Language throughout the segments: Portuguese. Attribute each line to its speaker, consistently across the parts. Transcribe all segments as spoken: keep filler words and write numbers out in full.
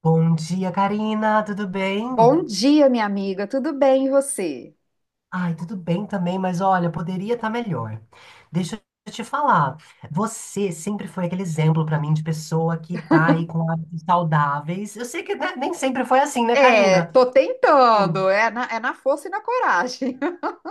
Speaker 1: Bom dia, Karina, tudo bem?
Speaker 2: Bom dia, minha amiga. Tudo bem, e você?
Speaker 1: Ai, tudo bem também, mas olha, poderia estar melhor. Deixa eu te falar, você sempre foi aquele exemplo para mim de pessoa que tá aí com hábitos saudáveis. Eu sei que, né, nem sempre foi assim, né,
Speaker 2: É,
Speaker 1: Karina?
Speaker 2: tô tentando.
Speaker 1: Sim.
Speaker 2: É na, é na força e na coragem.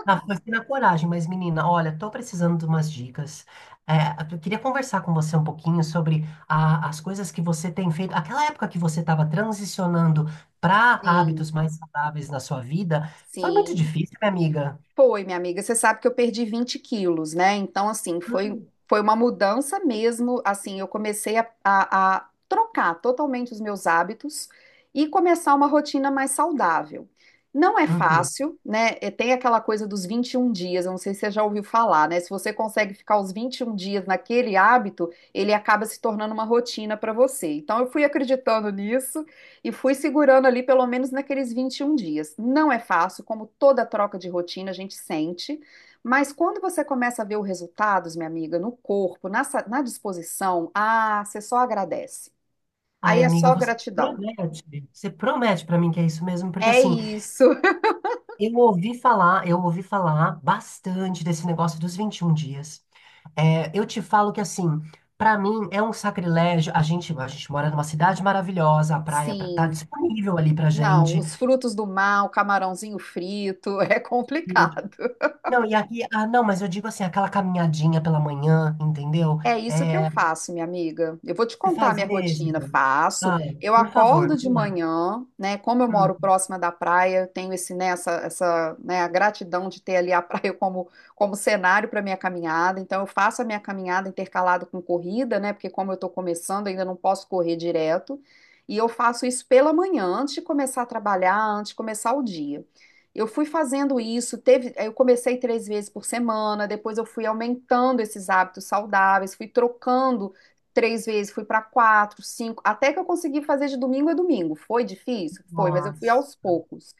Speaker 1: Na, foi assim na coragem, mas menina, olha, tô precisando de umas dicas. É, eu queria conversar com você um pouquinho sobre a- as coisas que você tem feito. Aquela época que você estava transicionando para hábitos
Speaker 2: Sim,
Speaker 1: mais saudáveis na sua vida, foi muito
Speaker 2: sim.
Speaker 1: difícil, minha amiga.
Speaker 2: Foi, minha amiga. Você sabe que eu perdi vinte quilos, né? Então, assim, foi,
Speaker 1: Hum.
Speaker 2: foi uma mudança mesmo. Assim, eu comecei a, a- a trocar totalmente os meus hábitos e começar uma rotina mais saudável. Não é
Speaker 1: Uhum.
Speaker 2: fácil, né? E tem aquela coisa dos vinte e um dias, eu não sei se você já ouviu falar, né? Se você consegue ficar os vinte e um dias naquele hábito, ele acaba se tornando uma rotina para você. Então, eu fui acreditando nisso e fui segurando ali pelo menos naqueles vinte e um dias. Não é fácil, como toda troca de rotina a gente sente, mas quando você começa a ver os resultados, minha amiga, no corpo, na, sa- na disposição, ah, você só agradece.
Speaker 1: Ai,
Speaker 2: Aí é
Speaker 1: amiga,
Speaker 2: só
Speaker 1: você
Speaker 2: gratidão.
Speaker 1: promete, você promete pra mim que é isso mesmo, porque
Speaker 2: É
Speaker 1: assim,
Speaker 2: isso.
Speaker 1: eu ouvi falar, eu ouvi falar bastante desse negócio dos vinte e um dias. É, eu te falo que assim, pra mim é um sacrilégio. A gente, a gente mora numa cidade maravilhosa, a praia pra- tá
Speaker 2: Sim.
Speaker 1: disponível ali pra
Speaker 2: Não,
Speaker 1: gente.
Speaker 2: os frutos do mar, o camarãozinho frito, é
Speaker 1: E-
Speaker 2: complicado.
Speaker 1: não, e aqui, ah, não, mas eu digo assim, aquela caminhadinha pela manhã, entendeu?
Speaker 2: É isso que eu
Speaker 1: É,
Speaker 2: faço, minha amiga. Eu vou te
Speaker 1: você
Speaker 2: contar a
Speaker 1: faz
Speaker 2: minha rotina.
Speaker 1: mesmo?
Speaker 2: Faço.
Speaker 1: Ah,
Speaker 2: Eu
Speaker 1: por favor,
Speaker 2: acordo de
Speaker 1: vamos lá.
Speaker 2: manhã, né? Como eu moro
Speaker 1: Hum,
Speaker 2: próxima da praia, eu tenho esse, né, essa, essa, né, a gratidão de ter ali a praia como, como cenário para minha caminhada. Então, eu faço a minha caminhada intercalada com corrida, né? Porque como eu estou começando, ainda não posso correr direto. E eu faço isso pela manhã, antes de começar a trabalhar, antes de começar o dia. Eu fui fazendo isso, teve, eu comecei três vezes por semana, depois eu fui aumentando esses hábitos saudáveis, fui trocando três vezes, fui para quatro, cinco, até que eu consegui fazer de domingo a domingo. Foi difícil? Foi, mas eu fui
Speaker 1: nossa.
Speaker 2: aos poucos.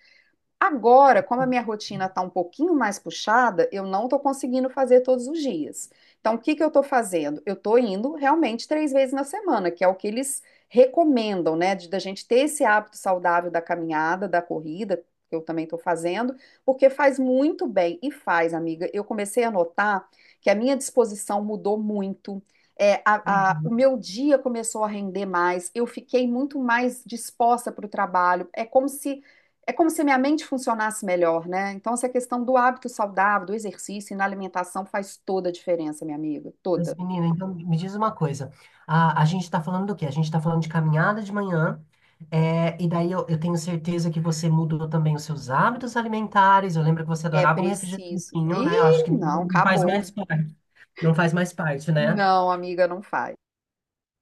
Speaker 2: Agora, como a minha rotina está um pouquinho mais puxada, eu não estou conseguindo fazer todos os dias. Então, o que que eu estou fazendo? Eu estou indo realmente três vezes na semana, que é o que eles recomendam, né? De, da gente ter esse hábito saudável da caminhada, da corrida, que eu também estou fazendo, porque faz muito bem e faz, amiga. Eu comecei a notar que a minha disposição mudou muito. É, a- a- o
Speaker 1: Uhum.
Speaker 2: meu dia começou a render mais, eu fiquei muito mais disposta para o trabalho. É como se é como se minha mente funcionasse melhor, né? Então, essa questão do hábito saudável, do exercício e na alimentação faz toda a diferença, minha amiga.
Speaker 1: Mas,
Speaker 2: Toda.
Speaker 1: menina, então me diz uma coisa. A, a gente está falando do quê? A gente está falando de caminhada de manhã, é, e daí eu, eu tenho certeza que você mudou também os seus hábitos alimentares. Eu lembro que você
Speaker 2: É
Speaker 1: adorava um
Speaker 2: preciso.
Speaker 1: refrigerantinho, né? Eu acho
Speaker 2: Ih,
Speaker 1: que
Speaker 2: não,
Speaker 1: não faz
Speaker 2: acabou.
Speaker 1: mais parte. Não faz mais parte, né?
Speaker 2: Não, amiga, não faz.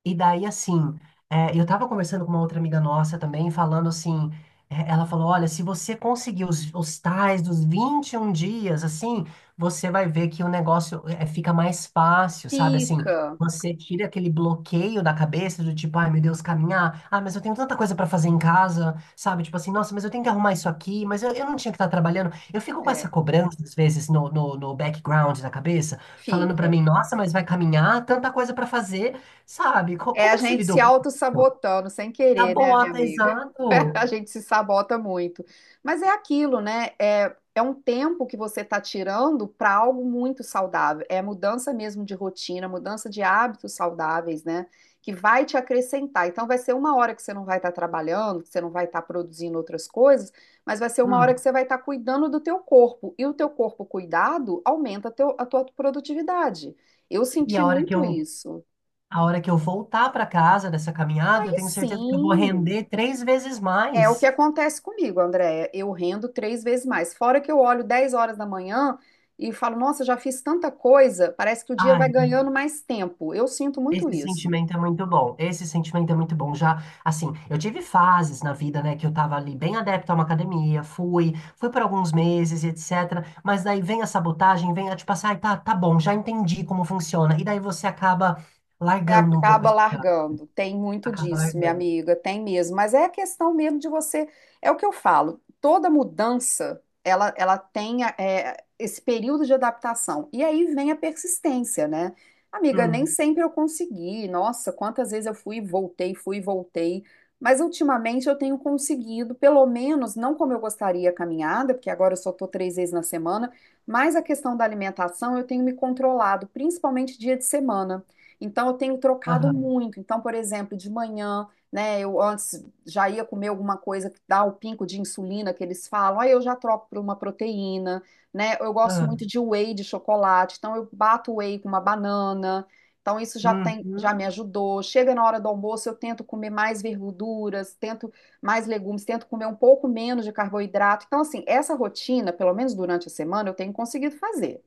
Speaker 1: E daí, assim, é, eu tava conversando com uma outra amiga nossa também, falando assim, é, ela falou, olha, se você conseguir os, os tais dos vinte e um dias, assim, você vai ver que o negócio é, fica mais fácil, sabe? Assim,
Speaker 2: Fica,
Speaker 1: você tira aquele bloqueio da cabeça do tipo, ai, meu Deus, caminhar, ah, mas eu tenho tanta coisa pra fazer em casa, sabe? Tipo assim, nossa, mas eu tenho que arrumar isso aqui, mas eu, eu não tinha que estar trabalhando. Eu fico com essa
Speaker 2: é,
Speaker 1: cobrança, às vezes, no, no, no background da cabeça, falando pra
Speaker 2: fica.
Speaker 1: mim, nossa, mas vai caminhar, tanta coisa pra fazer. Sabe? Co-
Speaker 2: É a
Speaker 1: como que você
Speaker 2: gente se
Speaker 1: lidou com isso?
Speaker 2: autossabotando sem
Speaker 1: Tá
Speaker 2: querer, né, minha
Speaker 1: bota,
Speaker 2: amiga? A
Speaker 1: exato.
Speaker 2: gente se sabota muito. Mas é aquilo, né? É, é um tempo que você está tirando para algo muito saudável. É mudança mesmo de rotina, mudança de hábitos saudáveis, né? Que vai te acrescentar. Então, vai ser uma hora que você não vai estar trabalhando, que você não vai estar produzindo outras coisas, mas vai ser uma hora
Speaker 1: Hum.
Speaker 2: que você vai estar cuidando do teu corpo. E o teu corpo cuidado aumenta teu- a tua produtividade. Eu
Speaker 1: E
Speaker 2: senti
Speaker 1: a hora que
Speaker 2: muito
Speaker 1: eu,
Speaker 2: isso.
Speaker 1: a hora que eu voltar para casa dessa caminhada, eu
Speaker 2: Aí
Speaker 1: tenho certeza que eu vou
Speaker 2: sim.
Speaker 1: render três vezes
Speaker 2: É o que
Speaker 1: mais.
Speaker 2: acontece comigo, Andréia. Eu rendo três vezes mais. Fora que eu olho dez horas da manhã e falo, nossa, já fiz tanta coisa, parece que o dia vai
Speaker 1: Ai,
Speaker 2: ganhando mais tempo. Eu sinto muito
Speaker 1: esse
Speaker 2: isso.
Speaker 1: sentimento é muito bom. Esse sentimento é muito bom. Já, assim, eu tive fases na vida, né, que eu tava ali bem adepto a uma academia, fui, fui por alguns meses, e et cetera. Mas daí vem a sabotagem, vem a tipo assim, ai, tá, tá bom, já entendi como funciona. E daí você acaba
Speaker 2: Você
Speaker 1: largando um pouco
Speaker 2: acaba
Speaker 1: esse,
Speaker 2: largando. Tem muito
Speaker 1: acaba
Speaker 2: disso, minha
Speaker 1: largando.
Speaker 2: amiga, tem mesmo. Mas é a questão mesmo de você. É o que eu falo. Toda mudança, ela, ela tem é, esse período de adaptação. E aí vem a persistência, né? Amiga, nem
Speaker 1: Hum.
Speaker 2: sempre eu consegui. Nossa, quantas vezes eu fui e voltei, fui e voltei. Mas ultimamente eu tenho conseguido, pelo menos, não como eu gostaria a caminhada, porque agora eu só estou três vezes na semana, mas a questão da alimentação eu tenho me controlado, principalmente dia de semana. Então, eu tenho trocado
Speaker 1: Aham,
Speaker 2: muito. Então, por exemplo, de manhã, né, eu antes já ia comer alguma coisa que dá o pinco de insulina que eles falam, aí eu já troco por uma proteína, né? Eu gosto muito
Speaker 1: aham.
Speaker 2: de whey de chocolate, então eu bato o whey com uma banana. Então, isso já tem, já
Speaker 1: Uhum,
Speaker 2: me ajudou. Chega na hora do almoço, eu tento comer mais verduras, tento mais legumes, tento comer um pouco menos de carboidrato. Então, assim, essa rotina, pelo menos durante a semana, eu tenho conseguido fazer.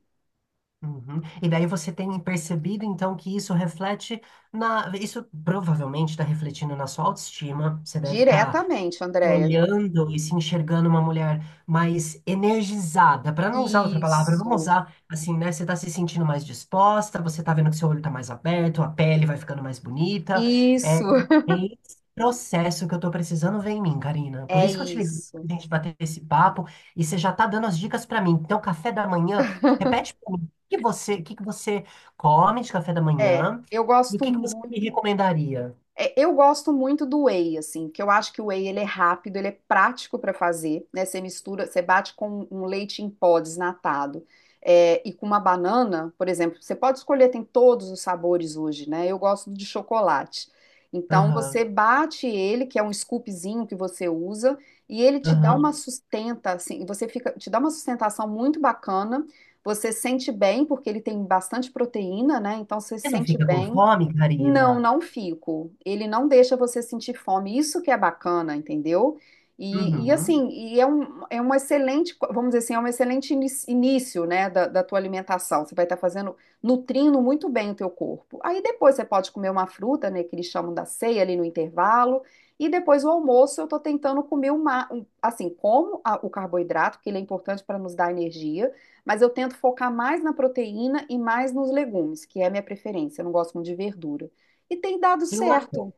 Speaker 1: uhum. E daí você tem percebido então que isso reflete na. Isso provavelmente está refletindo na sua autoestima. Você deve estar
Speaker 2: Diretamente, Andréia.
Speaker 1: olhando e se enxergando uma mulher mais energizada, para não usar outra palavra, vamos
Speaker 2: Isso.
Speaker 1: usar assim, né? Você tá se sentindo mais disposta, você tá vendo que seu olho tá mais aberto, a pele vai ficando mais bonita. É, é
Speaker 2: Isso,
Speaker 1: esse processo que eu tô precisando ver em mim, Karina. Por
Speaker 2: é
Speaker 1: isso que eu te liguei
Speaker 2: isso.
Speaker 1: pra gente bater esse papo e você já tá dando as dicas para mim. Então, café da manhã, repete para mim, o que você, o que que você come de café da
Speaker 2: É,
Speaker 1: manhã
Speaker 2: eu
Speaker 1: e o
Speaker 2: gosto
Speaker 1: que que você
Speaker 2: muito.
Speaker 1: me recomendaria?
Speaker 2: É, eu gosto muito do whey, assim, porque eu acho que o whey ele é rápido, ele é prático para fazer, né? Você mistura, você bate com um leite em pó desnatado, é, e com uma banana, por exemplo, você pode escolher, tem todos os sabores hoje, né? Eu gosto de chocolate. Então você
Speaker 1: Aham,
Speaker 2: bate ele, que é um scoopzinho que você usa, e ele te dá
Speaker 1: aham.
Speaker 2: uma sustenta, assim, você fica, te dá uma sustentação muito bacana. Você sente bem, porque ele tem bastante proteína, né? Então você
Speaker 1: Você não
Speaker 2: sente
Speaker 1: fica com
Speaker 2: bem.
Speaker 1: fome,
Speaker 2: Não,
Speaker 1: Karina?
Speaker 2: não fico. Ele não deixa você sentir fome. Isso que é bacana, entendeu? E, e
Speaker 1: Uhum.
Speaker 2: assim, e é um, é um excelente, vamos dizer assim, é um excelente inis- início, né, da, da tua alimentação. Você vai estar fazendo, nutrindo muito bem o teu corpo. Aí depois você pode comer uma fruta, né, que eles chamam da ceia ali no intervalo. E depois o almoço eu tô tentando comer uma, um- assim, como a- o carboidrato, que ele é importante para nos dar energia, mas eu tento focar mais na proteína e mais nos legumes, que é a minha preferência. Eu não gosto muito de verdura. E tem dado
Speaker 1: Eu adoro,
Speaker 2: certo.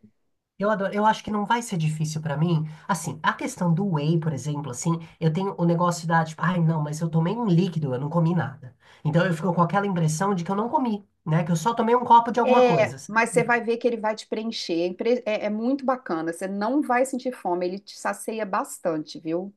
Speaker 1: eu adoro. Eu acho que não vai ser difícil pra mim. Assim, a questão do whey, por exemplo, assim, eu tenho o negócio da, tipo, ai, não, mas eu tomei um líquido, eu não comi nada. Então eu fico com aquela impressão de que eu não comi, né? Que eu só tomei um copo de alguma
Speaker 2: É,
Speaker 1: coisa, sabe?
Speaker 2: mas você vai ver que ele vai te preencher. É, impre- é- é muito bacana. Você não vai sentir fome. Ele te sacia bastante, viu?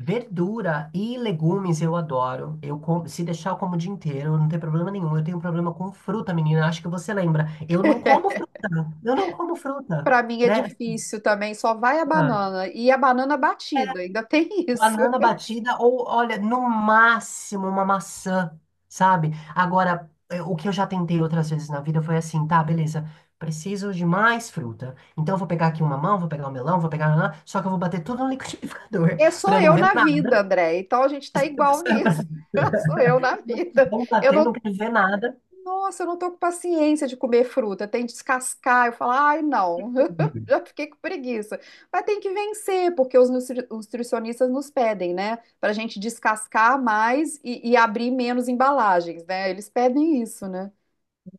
Speaker 1: Verdura e legumes eu adoro. Eu como, se deixar eu como o dia inteiro, não tem problema nenhum. Eu tenho um problema com fruta, menina. Acho que você lembra. Eu não como fruta. Eu não como fruta,
Speaker 2: Pra mim é
Speaker 1: né?
Speaker 2: difícil também. Só vai a
Speaker 1: Ah,
Speaker 2: banana. E a banana batida. Ainda tem isso.
Speaker 1: banana batida ou, olha, no máximo uma maçã, sabe? Agora, é, o que eu já tentei outras vezes na vida foi assim, tá, beleza, preciso de mais fruta. Então eu vou pegar aqui uma mamão, vou pegar um melão, vou pegar... nanã. Só que eu vou bater tudo no liquidificador,
Speaker 2: É, sou
Speaker 1: pra eu não
Speaker 2: eu
Speaker 1: ver
Speaker 2: na vida,
Speaker 1: nada.
Speaker 2: André. Então a gente tá igual nisso. Sou eu na vida.
Speaker 1: Vamos
Speaker 2: Eu
Speaker 1: bater, não
Speaker 2: não.
Speaker 1: quero ver nada.
Speaker 2: Nossa, eu não tô com paciência de comer fruta, tem que descascar. Eu falo, ai, não, já fiquei com preguiça. Mas tem que vencer, porque os nutri- os nutricionistas nos pedem, né? Pra gente descascar mais e, e abrir menos embalagens, né? Eles pedem isso, né?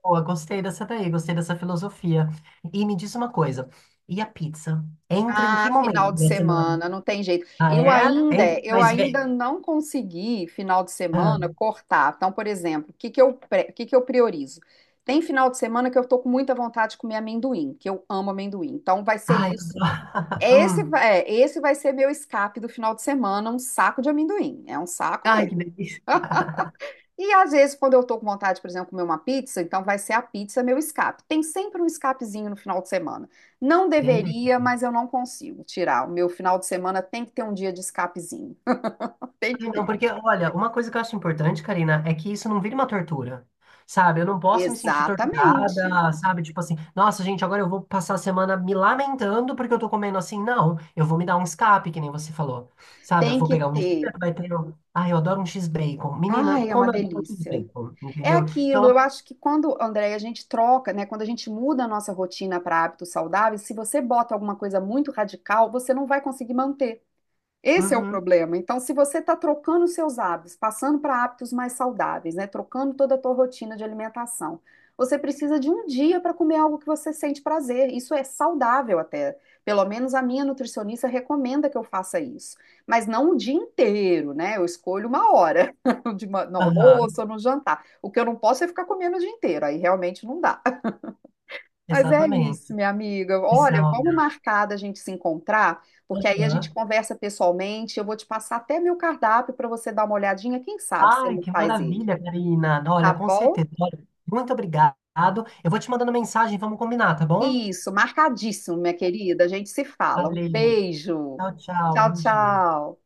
Speaker 1: Boa, gostei dessa daí, gostei dessa filosofia. E me diz uma coisa, e a pizza? Entra em que
Speaker 2: Ah,
Speaker 1: momento
Speaker 2: final de
Speaker 1: da semana?
Speaker 2: semana, não tem jeito.
Speaker 1: Ah,
Speaker 2: Eu
Speaker 1: é? Entra,
Speaker 2: ainda, eu
Speaker 1: mas
Speaker 2: ainda
Speaker 1: vem...
Speaker 2: não consegui final de
Speaker 1: Ah.
Speaker 2: semana cortar. Então, por exemplo, o que que eu, pre- o que que eu priorizo? Tem final de semana que eu tô com muita vontade de comer amendoim, que eu amo amendoim. Então vai ser
Speaker 1: Ai, eu
Speaker 2: isso.
Speaker 1: adoro.
Speaker 2: Esse
Speaker 1: Hum.
Speaker 2: vai, é, esse vai ser meu escape do final de semana, um saco de amendoim. É um saco
Speaker 1: Ai, que
Speaker 2: mesmo.
Speaker 1: delícia.
Speaker 2: E às vezes, quando eu tô com vontade, por exemplo, de comer uma pizza, então vai ser a pizza meu escape. Tem sempre um escapezinho no final de semana. Não
Speaker 1: Ele.
Speaker 2: deveria, mas eu não consigo tirar. O meu final de semana tem que ter um dia de escapezinho. Tem que
Speaker 1: Ai, não,
Speaker 2: ter.
Speaker 1: porque, olha, uma coisa que eu acho importante, Karina, é que isso não vire uma tortura. Sabe, eu não posso me sentir
Speaker 2: Exatamente.
Speaker 1: torturada, sabe? Tipo assim, nossa, gente, agora eu vou passar a semana me lamentando porque eu tô comendo assim. Não, eu vou me dar um escape, que nem você falou. Sabe, eu
Speaker 2: Tem
Speaker 1: vou
Speaker 2: que
Speaker 1: pegar um dia,
Speaker 2: ter.
Speaker 1: vai ter. um- Ai, eu adoro um X-Bacon. Menina,
Speaker 2: Ai, é uma
Speaker 1: como eu adoro um
Speaker 2: delícia.
Speaker 1: X-Bacon,
Speaker 2: É
Speaker 1: entendeu?
Speaker 2: aquilo,
Speaker 1: Então,
Speaker 2: eu acho que quando, André, a gente troca, né, quando a gente muda a nossa rotina para hábitos saudáveis, se você bota alguma coisa muito radical, você não vai conseguir manter. Esse é o
Speaker 1: uhum,
Speaker 2: problema. Então, se você está trocando seus hábitos, passando para hábitos mais saudáveis, né, trocando toda a tua rotina de alimentação, você precisa de um dia para comer algo que você sente prazer. Isso é saudável até. Pelo menos a minha nutricionista recomenda que eu faça isso. Mas não o dia inteiro, né? Eu escolho uma hora, de ma- no
Speaker 1: aham,
Speaker 2: almoço ou no jantar. O que eu não posso é ficar comendo o dia inteiro. Aí realmente não dá. Mas é isso,
Speaker 1: exatamente.
Speaker 2: minha amiga.
Speaker 1: Esse é
Speaker 2: Olha,
Speaker 1: o-
Speaker 2: vamos marcar da gente se encontrar, porque aí a
Speaker 1: Aham.
Speaker 2: gente conversa pessoalmente. Eu vou te passar até meu cardápio para você dar uma olhadinha. Quem sabe você
Speaker 1: Ai,
Speaker 2: não
Speaker 1: que
Speaker 2: faz ele,
Speaker 1: maravilha, Karina.
Speaker 2: tá
Speaker 1: Olha, com
Speaker 2: bom?
Speaker 1: certeza. Olha, muito obrigado. Eu vou te mandando mensagem, vamos combinar, tá bom?
Speaker 2: Isso, marcadíssimo, minha querida. A gente se fala. Um
Speaker 1: Valeu.
Speaker 2: beijo.
Speaker 1: Tchau, tchau.
Speaker 2: Tchau,
Speaker 1: Bom dia.
Speaker 2: tchau.